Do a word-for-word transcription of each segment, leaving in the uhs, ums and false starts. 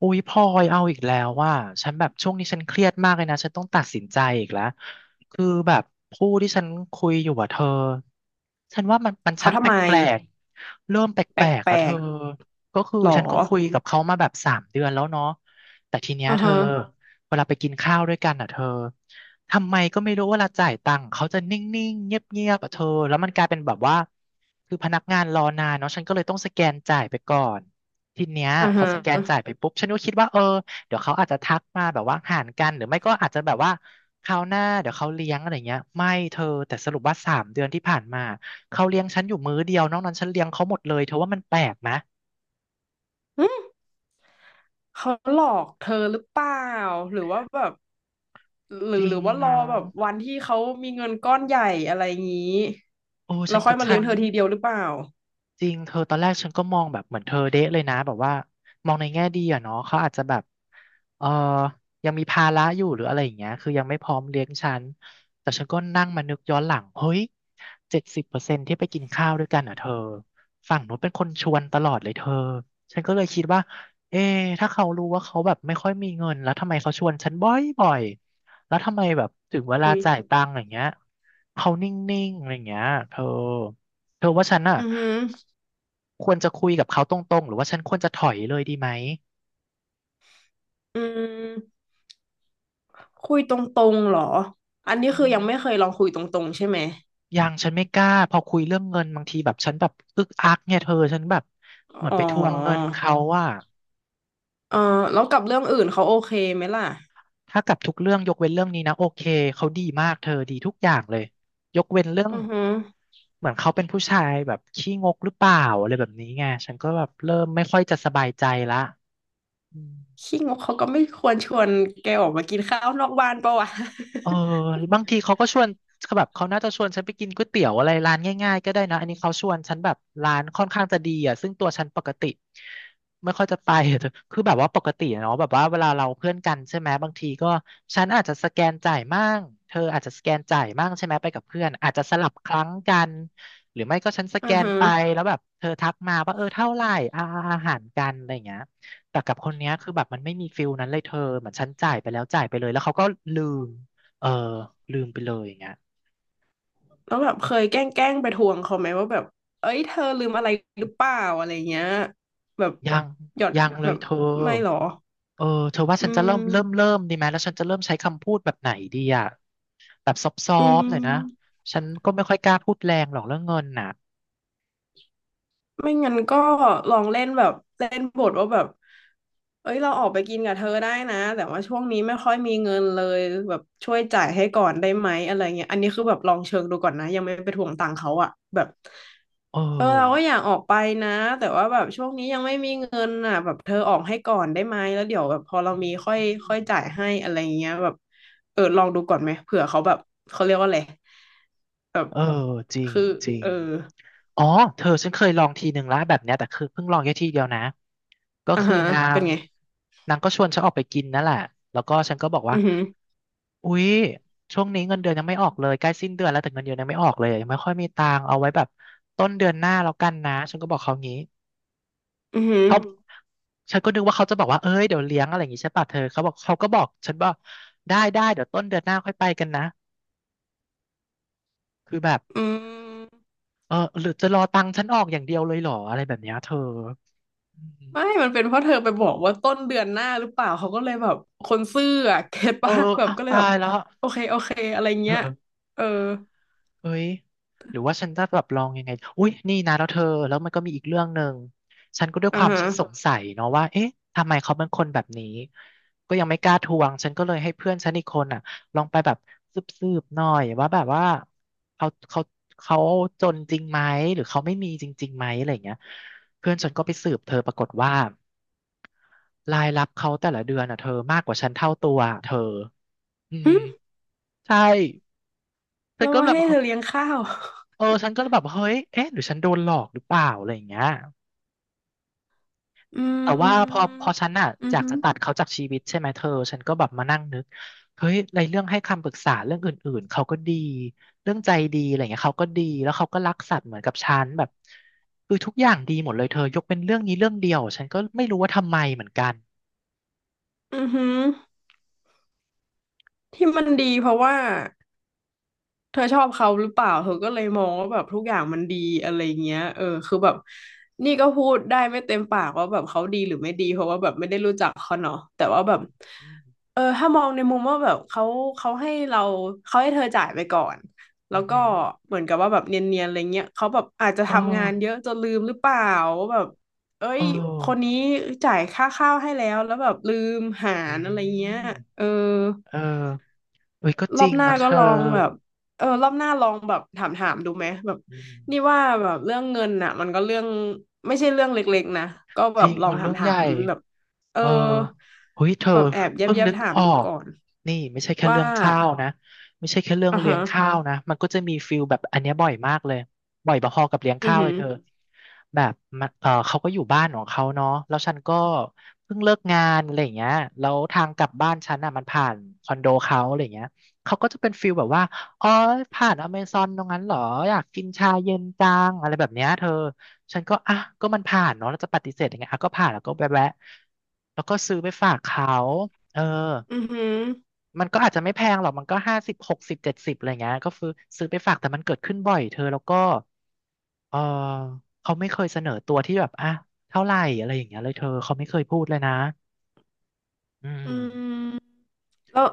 อุ๊ยพลอยเอาอีกแล้วว่าฉันแบบช่วงนี้ฉันเครียดมากเลยนะฉันต้องตัดสินใจอีกแล้วคือแบบผู้ที่ฉันคุยอยู่อะเธอฉันว่ามันมันชัเขากทำแปไมลกๆเริ่มแปแปลกๆแล้วลเธอกก็คือๆหรอฉันก็คุยกับเขามาแบบสามเดือนแล้วเนาะแต่ทีเนี้ยอ่าเธอฮะเวลาไปกินข้าวด้วยกันอะเธอทำไมก็ไม่รู้เวลาจ่ายตังค์เขาจะนิ่งๆเงียบๆอะเธอแล้วมันกลายเป็นแบบว่าคือพนักงานรอนานเนาะฉันก็เลยต้องสแกนจ่ายไปก่อน ทีเนี้ยอ่าพอฮะสแกนจ่ายไปปุ๊บฉันก็คิดว่าเออเดี๋ยวเขาอาจจะทักมาแบบว่าหารกันหรือไม่ก็อาจจะแบบว่าคราวหน้าเดี๋ยวเขาเลี้ยงอะไรเงี้ยไม่เธอแต่สรุปว่าสามเดือนที่ผ่านมาเขาเลี้ยงฉันอยู่มื้อเดียวนอกนั้นฉันเลี้ยงเขาหมดเลยเธอว่ามันแปลกไหมหึเขาหลอกเธอหรือเปล่าหรือว่าแบบหจรือริหรืงอว่ารอนะแบบวันที่เขามีเงินก้อนใหญ่อะไรงี้โอ้แล้ฉัวนค่อกับยมาฉัเลี้ยงน เธอทีเดียวหรือเปล่าจริงเธอตอนแรกฉันก็มองแบบเหมือนเธอเดะเลยนะแบบว่ามองในแง่ดีอะเนาะเขาอาจจะแบบเออยังมีภาระอยู่หรืออะไรอย่างเงี้ยคือยังไม่พร้อมเลี้ยงฉันแต่ฉันก็นั่งมานึกย้อนหลังเฮ้ยเจ็ดสิบเปอร์เซ็นที่ไปกินข้าวด้วยกันอ่ะเธอฝั่งนู้นเป็นคนชวนตลอดเลยเธอฉันก็เลยคิดว่าเอ๊ะถ้าเขารู้ว่าเขาแบบไม่ค่อยมีเงินแล้วทำไมเขาชวนฉันบ่อยบ่อยแล้วทำไมแบบถึงเวลาอุ้ยจ่ายตังค์อย่างเงี้ยเขานิ่งๆอะไรอย่างเงี้ยเธอ เธอว่าฉันอ่ะอือฮึอควรจะคุยกับเขาตรงๆหรือว่าฉันควรจะถอยเลยดีไหมอืมคุยตรงๆเหรอ อันนี้อืคือยังไม่มเคยลองคุยตรงๆใช่ไหมยังฉันไม่กล้าพอคุยเรื่องเงินบางทีแบบฉันแบบอึกอักเนี่ยเธอฉันแบบเหมือนอ๋อไปทวงเงินเขาว่าเออแล้วกับเรื่องอื่นเขาโอเคไหมล่ะถ้ากับทุกเรื่องยกเว้นเรื่องนี้นะโอเคเขาดีมากเธอดีทุกอย่างเลยยกเว้นเรื่องอือฮึ เหมือนเขาเป็นผู้ชายแบบขี้งกหรือเปล่าอะไรแบบนี้ไงฉันก็แบบเริ่มไม่ค่อยจะสบายใจละอืม ขี้งกเขาก็ไม่ควรชวนแกออกมากินข้าวนอกบ้านปะวะ เออบางทีเขาก็ชวนเขาแบบเขาน่าจะชวนฉันไปกินก๋วยเตี๋ยวอะไรร้านง่ายๆก็ได้นะอันนี้เขาชวนฉันแบบร้านค่อนข้างจะดีอ่ะซึ่งตัวฉันปกติไม่ค่อยจะไป คือแบบว่าปกติอะเนาะแบบว่าเวลาเราเพื่อนกันใช่ไหมบางทีก็ฉันอาจจะสแกนจ่ายมั่งเธออาจจะสแกนจ่ายมั่งใช่ไหมไปกับเพื่อนอาจจะสลับครั้งกันหรือไม่ก็ฉันส อืแกอนฮึไปแล้วแบบเธอทักมาว่าเออเท่าไหร่อาอาหารกันอะไรอย่างเงี้ยแต่กับคนเนี้ยคือแบบมันไม่มีฟิลนั้นเลยเธอเหมือนฉันจ่ายไปแล้วจ่ายไปเลยแล้วเขาก็ลืม เออลืมไปเลยอย่างเงี้ยแล้วแบบเคยแกล้งแกล้งไปทวงเขาไหมว่าแบบเอ้ยเธอลืมอะไรหรือเปล่าอะไรเงี้ย แบบยังหยอดยังเลแบยบเธอไม่หรอ เออเธอว่าอืฉันจะเริ่มเริ่มมเริ่มดีไหมแล้วฉันจะเริ่มใช้คำพูดแบบไหนดีอ่ะแบบซอฟซออืฟหน่อยม นะฉันก็ไม่ค่อยกล้าพูดแรงหรอกเรื่องเงินน่ะไม่งั้นก็ลองเล่นแบบเล่นบทว่าแบบเอ้ยเราออกไปกินกับเธอได้นะแต่ว่าช่วงนี้ไม่ค่อยมีเงินเลยแบบช่วยจ่ายให้ก่อนได้ไหมอะไรเงี้ยอันนี้คือแบบลองเชิงดูก่อนนะยังไม่ไปทวงตังค์เขาอะแบบเเออเราก็อออยากออกไปนะแต่ว่าแบบช่วงนี้ยังไม่มีเงินอ่ะแบบเธอออกให้ก่อนได้ไหมแล้วเดี๋ยวแบบพอเรามีค่อยค่อยจ่ายให้อะไรเงี้ยแบบเออลองดูก่อนไหมเผื่อเขาแบบเขาเรียกว่าอะไรแบบเออจริงคือจริเอง ออ๋อเธอฉันเคยลองทีหนึ่งแล้วแบบเนี้ยแต่คือเพิ่งลองแค่ทีเดียวนะก็อ่าคือฮะนาเป็งนไง นางก็ชวนฉันออกไปกินนั่นแหละแล้วก็ฉันก็บอกว่าอือหืออุ๊ยช่วงนี้เงินเดือนยังไม่ออกเลยใกล้สิ้นเดือนแล้วแต่เงินเดือนยังไม่ออกเลยยังไม่ค่อยมีตังค์เอาไว้แบบต้นเดือนหน้าแล้วกันนะฉันก็บอกเขางี้อือหือเขาอืมฉันก็นึกว่าเขาจะบอกว่าเอ้ยเดี๋ยวเลี้ยงอะไรอย่างงี้ใช่ป่ะเธอเขาบอกเขาก็บอกฉันบอกได้ได้เดี๋ยวต้นเดือนหน้าค่อยไปกันนะคือแบบอืมเออหรือจะรอตังค์ฉันออกอย่างเดียวเลยเหรออะไรแบบเนี้ยเธออืม ไม่ มันเป็นเพราะเธอไปบอกว่าต้นเดือนหน้าหรือเปล่า เขาก็เลยแบบคนซื่ออะเก็ตเออปะแบบอ้าวก็เลยตาแบบยแล้วโอเคโอเคอะไรเออเงี้ยเออเออเฮ้ยหรือว่าฉันจะแบบลองยังไงอุ้ยนี่นะแล้วเธอแล้วมันก็มีอีกเรื่องหนึ่งฉันก็ด้วยอ่าความฮะฉันสงสัยเนาะว่าเอ๊ะทำไมเขาเป็นคนแบบนี้ก็ยังไม่กล้าทวงฉันก็เลยให้เพื่อนฉันอีกคนอ่ะลองไปแบบสืบๆหน่อยว่าแบบว่าเขาเขาเขาจนจริงไหมหรือเขาไม่มีจริงๆไหมอะไรอย่างเงี้ยเพื่อนฉันก็ไปสืบเธอปรากฏว่ารายรับเขาแต่ละเดือนอ่ะเธอมากกว่าฉันเท่าตัวอะเธออืมหึใช่ฉันเราก็มาแบบ ให้เธอเลี้ยงข้าว เออฉันก็แบบเฮ้ยเอ๊ะหรือฉันโดนหลอกหรือเปล่าอะไรอย่างเงี้ยอืแต่ว่าพอมพอฉันอ่ะอืออยากหืจะอตัดเขาจากชีวิตใช่ไหมเธอฉันก็แบบมานั่งนึกเฮ้ยในเรื่องให้คำปรึกษาเรื่องอื่นๆเขาก็ดีเรื่องใจดีอะไรเงี้ยเขาก็ดีแล้วเขาก็รักสัตว์เหมือนกับฉันแบบคือทุกอย่างดีหมดเลยเธอยกเป็นเรื่องนี้เรื่องเดียวฉันก็ไม่รู้ว่าทำไมเหมือนกันอือหือที่มันดีเพราะว่า เธอชอบเขาหรือเปล่าเธอก็เลยมองว่าแบบทุกอย่างมันดีอะไรเงี้ยเออคือแบบนี่ก็พูดได้ไม่เต็มปากว่าแบบเขาดีหรือไม่ดีเพราะว่าแบบไม่ได้รู้จักเขาเนาะแต่ว่าแบบอืมเออถ้ามองในมุมว่าแบบเขาเขาให้เราเขาให้เธอจ่ายไปก่อนแล้อืวมอก็หือเหมือนกับว่าแบบเนียนๆอะไรเงี้ยเขาแบบอาจจะเออทำงานเยอะจนลืมหรือเปล่าว่าแบบเอ้เออยคนนี้จ่ายค่าข้าวให้แล้วแล้วแบบลืมหาอืรอะไรเงี้ยมเออ เออเอ้ยก็รจอริบงหน้ามันเธก็อลองแบบเออรอบหน้าลองแบบถามถามดูไหมแบบอืมนี่ว่าแบบเรื่องเงินน่ะมันก็เรื่องไม่ใช่เรื่องเล็กๆนะก็แบจบริงลองมันถาเรื่มองใหถาญ่ มแบบเออเออเฮ้ยเธอแบบแอบแยบเพิ่งแยบนึกถามออดูกก่อนนี่ไม่ใช่แค่ว่าเรื่องข้าวนะไม่ใช่แค่เรื่องอ่าเลี้ยฮะงข้าวนะมันก็จะมีฟิลแบบอันเนี้ยบ่อยมากเลยบ่อยพอๆกับเลี้ยงอือข้าวหืเลยอเธอแบบมันเออเขาก็อยู่บ้านของเขาเนาะแล้วฉันก็เพิ่งเลิกงานอะไรอย่างเงี้ยแล้วทางกลับบ้านฉันอ่ะมันผ่านคอนโดเขาอะไรอย่างเงี้ยเขาก็จะเป็นฟิลแบบว่าอ๋อผ่านอเมซอนตรงนั้นเหรออยากกินชาเย็นจังอะไรแบบเนี้ยเธอ ฉันก็อ่ะก็มันผ่านเนาะเราจะปฏิเสธยังไงอ่ะก็ผ่านแล้วก็แวะแวะแล้วก็ซื้อไปฝากเขาเอออือหือมันก็อาจจะไม่แพงหรอกมันก็ห้าสิบหกสิบเจ็ดสิบอะไรเงี้ยก็ซื้อซื้อไปฝากแต่มันเกิดขึ้นบ่อยเธอแล้วก็เออเขาไม่เคยเสนอตัวที่แบบอ่ะเท่าไหร่อะไรอย่างเงี้ยเลยเธอเขาไม่เคยพูดเลยนะอืมอืมแล้ว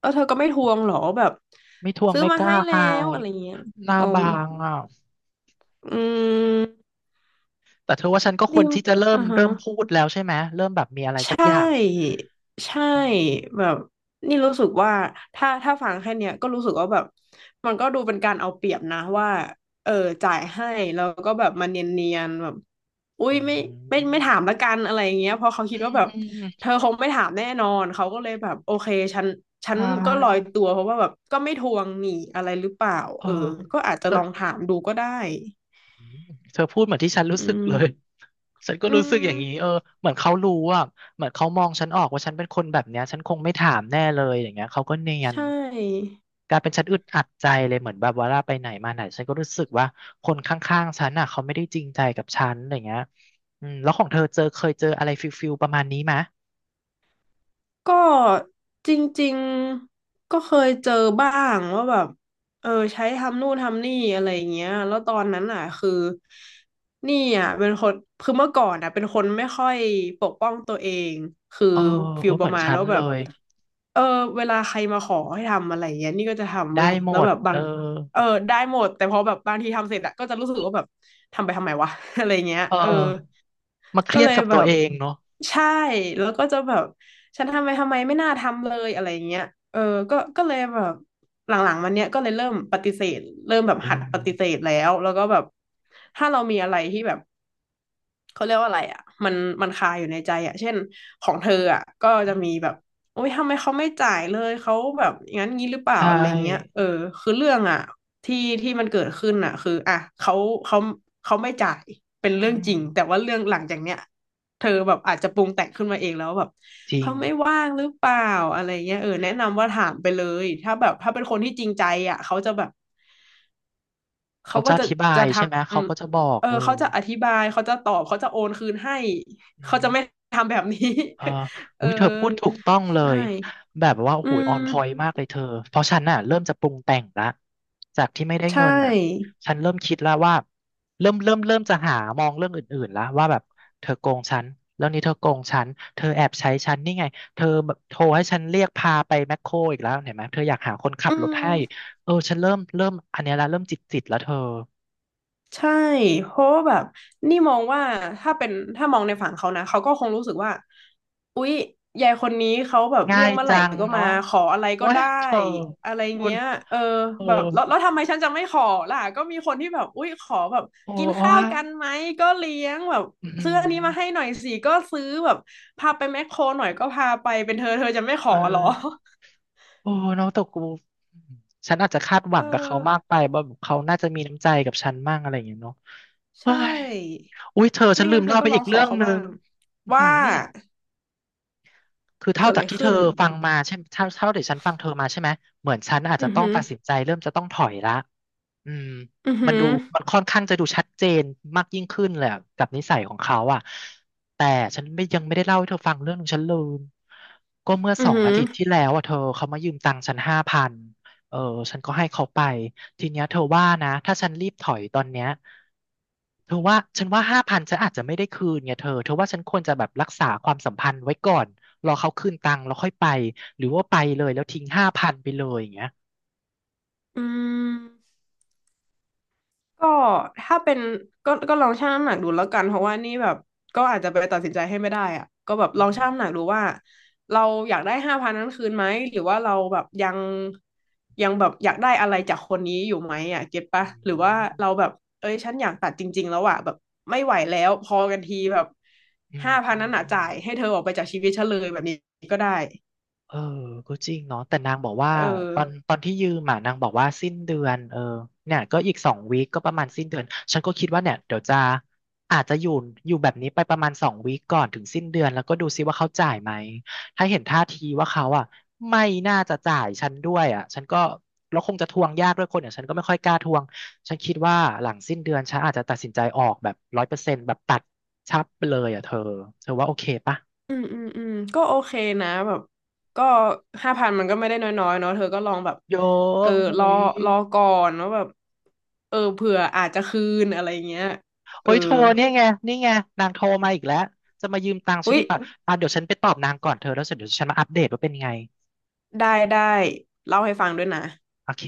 แล้วเธอก็ไม่ทวงเหรอแบบไม่ทวงซื้อไม่มากล้าให้แล้อาวยอะไรเงี้ยหน้าอืบามงอ่ะอืมแต่เธอว่าฉันก็ควนี่รที่จะเริ่มอ่าฮะ เริ่มพูดแล้วใช่ไหมเริ่มแบบมีอะไรใชสักอย่าง่ใช่อืมแบบนี่รู้สึกว่าถ้าถ้าฟังแค่เนี้ยก็รู้สึกว่าแบบมันก็ดูเป็นการเอาเปรียบนะว่าเออจ่ายให้แล้วก็แบบมันเนียนๆแบบอุ้ยอืไม่ไม่มไม่ถามละกันอะไรอย่างเงี้ยเพราะเขาอืคิดว่าแบบม เธอคงไม่ถามแน่นอนเขาก็เลยแบบโอเคฉันฉันใช่ก็ลอยตัวเพราะว่าแบบก็ไม่ทวงหนี่อะไรหรือเปล่าเออเออก็อาจจะเธลองอถามดูก็ได้เธอพูดเหมือนที่ฉันรู้อืสึกเลย ม ฉันก็อืรู้สึกอย่างนี้เอมอเหมือนเขารู้อ่ะเหมือนเขามองฉันออกว่าฉันเป็นคนแบบเนี้ยฉันคงไม่ถามแน่เลยอย่างเงี้ยเขาก็เนียใชน่ กลายเป็นฉันอึดอัดใจเลยเหมือนแบบเวลาไปไหนมาไหนฉันก็รู้สึกว่าคนข้างๆฉันอ่ะเขาไม่ได้จริงใจกับฉันอย่างเงี้ยอืมแล้วของเธอเจอเคยเจออะไรฟิลฟิลประมาณนี้ไหมก็จริงๆก็เคยเจอบ้างว่าแบบเออใช้ทำนู่นทำนี่อะไรอย่างเงี้ยแล้วตอนนั้นอ่ะคือนี่อ่ะเป็นคนคือเมื่อก่อนอ่ะเป็นคนไม่ค่อยปกป้องตัวเองคือเออฟิเอลอปเหมืระอนมาณฉันว่าแบเลบยเออเวลาใครมาขอให้ทำอะไรอย่างเงี้ยนี่ก็จะทำได้เว้ยหมแล้วดแบบบาเองอเออได้หมดแต่พอแบบบางทีทำเสร็จอะก็จะรู้สึกว่าแบบทำไปทำไมวะ อะไรเงี้ยเอเออ อมาเคก็รียเลดยกับแบตัวบเองเนาะใช่แล้วก็จะแบบฉันทำไปทำไมไม่น่าทำเลยอะไรอย่างเงี้ยเออก็ก็เลยแบบหลังๆมันเนี้ยก็เลยเริ่มปฏิเสธเริ่มแบบหัดปฏิเอเสธแล้วแล้วก็แบบถ้าเรามีอะไรที่แบบ เขาเรียกว่าอะไรอ่ะมันมันคาอยู่ในใจอ่ะเช่นของเธออ่ะก็จะมีแบอ บโอ๊ยทำไมเขาไม่จ่ายเลยเขาแบบอย่างนั้นงี้หรือเปใชล่าอะไรเงี้ย่เออคือเรื่องอ่ะที่ที่มันเกิดขึ้นอ่ะคืออ่ะเขาเขาเขาไม่จ่ายเป็นเรื่อืองจมริงแต่ว่าเรื่องหลังจากเนี้ยเธอแบบอาจจะปรุงแต่งขึ้นมาเองแล้วแบบจริเขางไม่ว่างหรือเปล่าอะไรเงี้ยเออแนะนำว่าถามไปเลยถ้าแบบถ้าเป็นคนที่จริงใจอ่ะเขาจะแบบ เขาเขาก็จะอจะธิบาจะยทใช่ไหมำ เขาก็จะบอกเออเออเขาจะอธิบายเขาจะตอบเขาจะโอนคืนให้อืเขาจะมไม่ทำแบบนี้ เออ เออุ้อยเธอพูดถูกต้องเลใช่ยแบบว่าโอ้อืโหออนมพอยต์มากเลยเธอเพราะฉันน่ะเริ่มจะปรุงแต่งละจากที่ไม่ได้ใช่เงินน่ะฉันเริ่มคิดแล้วว่าเริ่มเริ่มเริ่มจะหามองเรื่องอื่นๆแล้วว่าแบบเธอโกงฉันแล้วนี้เธอโกงฉันเธอแอบใช้ฉันนี่ไงเธอแบบโทรให้ฉันเรียกพาไปแมคโครอีกแล้วเห็นไหมเธออยากหาคนขัอืบรถให้ม เออฉันเริ่มเริ่มอันเนี้ยละเริ่มจิตจิตแล้วเธอ ใช่เพราะว่าแบบนี่มองว่าถ้าเป็นถ้ามองในฝั่งเขานะเขาก็คงรู้สึกว่าอุ๊ยยายคนนี้เขาแบบง่าเรียกยเมื่อไหจัร่งก็มาเนาะขออะไรโอ้ก็ยได้เธออะไรพูดเงี้ยเออโอ้แบบแล้วแล้วทำไมฉันจะไม่ขอล่ะก็มีคนที่แบบอุ๊ยขอแบบโอ้กินว่าข้าวกันไหมก็เลี้ยงแบบอืซื้ออันนี้มาให้มหน่อยสิก็ซื้อแบบพาไปแมคโครหน่อยก็พาไปเป็นเธอเธอจะไม่ขอเออเหรอ โอ้น้องตกกูฉันอาจจะคาดหวั งกับเขาเออมากไปว่าแบบเขาน่าจะมีน้ำใจกับฉันมากอะไรอย่างเงี้ยเนาะเฮ้ใช่ยอุ้ยเธอฉัไม่นลืงั้นมเธอเล่าก็ไปลออีงกขเรื่อองเขาหนึ่บ้างงอื้อหว่า ือคือเกิเท่าดอะจาไรกที่เธขึ้อนฟังมาใช่ไหมเท่าเท่าทียวฉันฟังเธอมาใช่ไหม เหมือนฉันอาจอืจะอต้องหือตัดสินใจเริ่มจะต้องถอยละ อืมอือมัหืนอดูมันค่อนข้างจะดูชัดเจนมากยิ่งขึ้นแหลยอะกับนิสัยของเขาอ่ะแต่ฉันไม่ยังไม่ได้เล่าให้เธอฟังเรื่องหนึงฉันลืมก็เมื่ออืสอองหือาอทิตย์ที่แล้วอ่ะเธอเขามายืมตังค์ฉันห้าพันเออฉันก็ให้เขาไปทีเนี้ยเธอว่านะถ้าฉันรีบถอยตอนเนี้ยเธอว่าฉันว่าห้าพันฉันอาจจะไม่ได้คืนไงเธอเธอว่าฉันควรจะแบบรักษาความสัมพันธ์ไว้ก่อนรอเขาคืนตังค์แล้วค่อยไปหรือว่าไปเลยแล้วทิ้งห้าพันไปเลยอย่างเงี้ยอืมก็ถ้าเป็นก็ก็ลองชั่งน้ำหนักดูแล้วกันเพราะว่านี่แบบก็อาจจะไปตัดสินใจให้ไม่ได้อะก็แบบลองชั่งน้ำหนักดูว่าเราอยากได้ห้าพันนั้นคืนไหมหรือว่าเราแบบยังยังแบบอยากได้อะไรจากคนนี้อยู่ไหมอ่ะเก็ตปะอืหรือว่าม เราแบบเอ้ยฉันอยากตัดจริงๆแล้วอ่ะแบบไม่ไหวแล้วพอกันทีแบบอืมห้าพันอืนั้มนอ่ะอืจ่ามยให้เธอออกไปจากชีวิตฉันเลยแบบนี้ก็ได้เออก็จริงเนาะแต่นางบอกว่าเออ ตอนตอนที่ยืมอ่ะนางบอกว่าสิ้นเดือนเออเนี่ยก็อีกสองวีคก็ประมาณสิ้นเดือนฉันก็คิดว่าเนี่ยเดี๋ยวจะอาจจะอยู่อยู่แบบนี้ไปประมาณสองวีคก่อนถึงสิ้นเดือนแล้วก็ดูซิว่าเขาจ่ายไหมถ้าเห็นท่าทีว่าเขาอ่ะไม่น่าจะจ่ายฉันด้วยอ่ะฉันก็แล้วคงจะทวงยากด้วยคนอย่างฉันก็ไม่ค่อยกล้าทวงฉันคิดว่าหลังสิ้นเดือนฉันอาจจะตัดสินใจออกแบบร้อยเปอร์เซ็นต์แบบตัดชับไปเลยอ่ะเธอเธอว่าโอเคปะ อืมอืมอืมก็โอเคนะแบบก็ห้าพันมันก็ไม่ได้น้อยๆเนาะเธอก็ลองแบบเยอะเออหุรอยรอก่อนว่าแบบเออเผื่ออาจจะคืนอะไรเงี้ยเอเฮ้อยโทรเนี่ยไง นี่ไง นางโทรมาอีกแล้ว จะมายืมตังค์ฉัอุ๊นยอีกป่ะอ่ะเดี๋ยวฉันไปตอบนางก่อนเธอแล้วเสร็จเดี๋ยวฉันมาอัปเดตว่าเป็นไง ได้ได้เล่าให้ฟังด้วยนะโอเค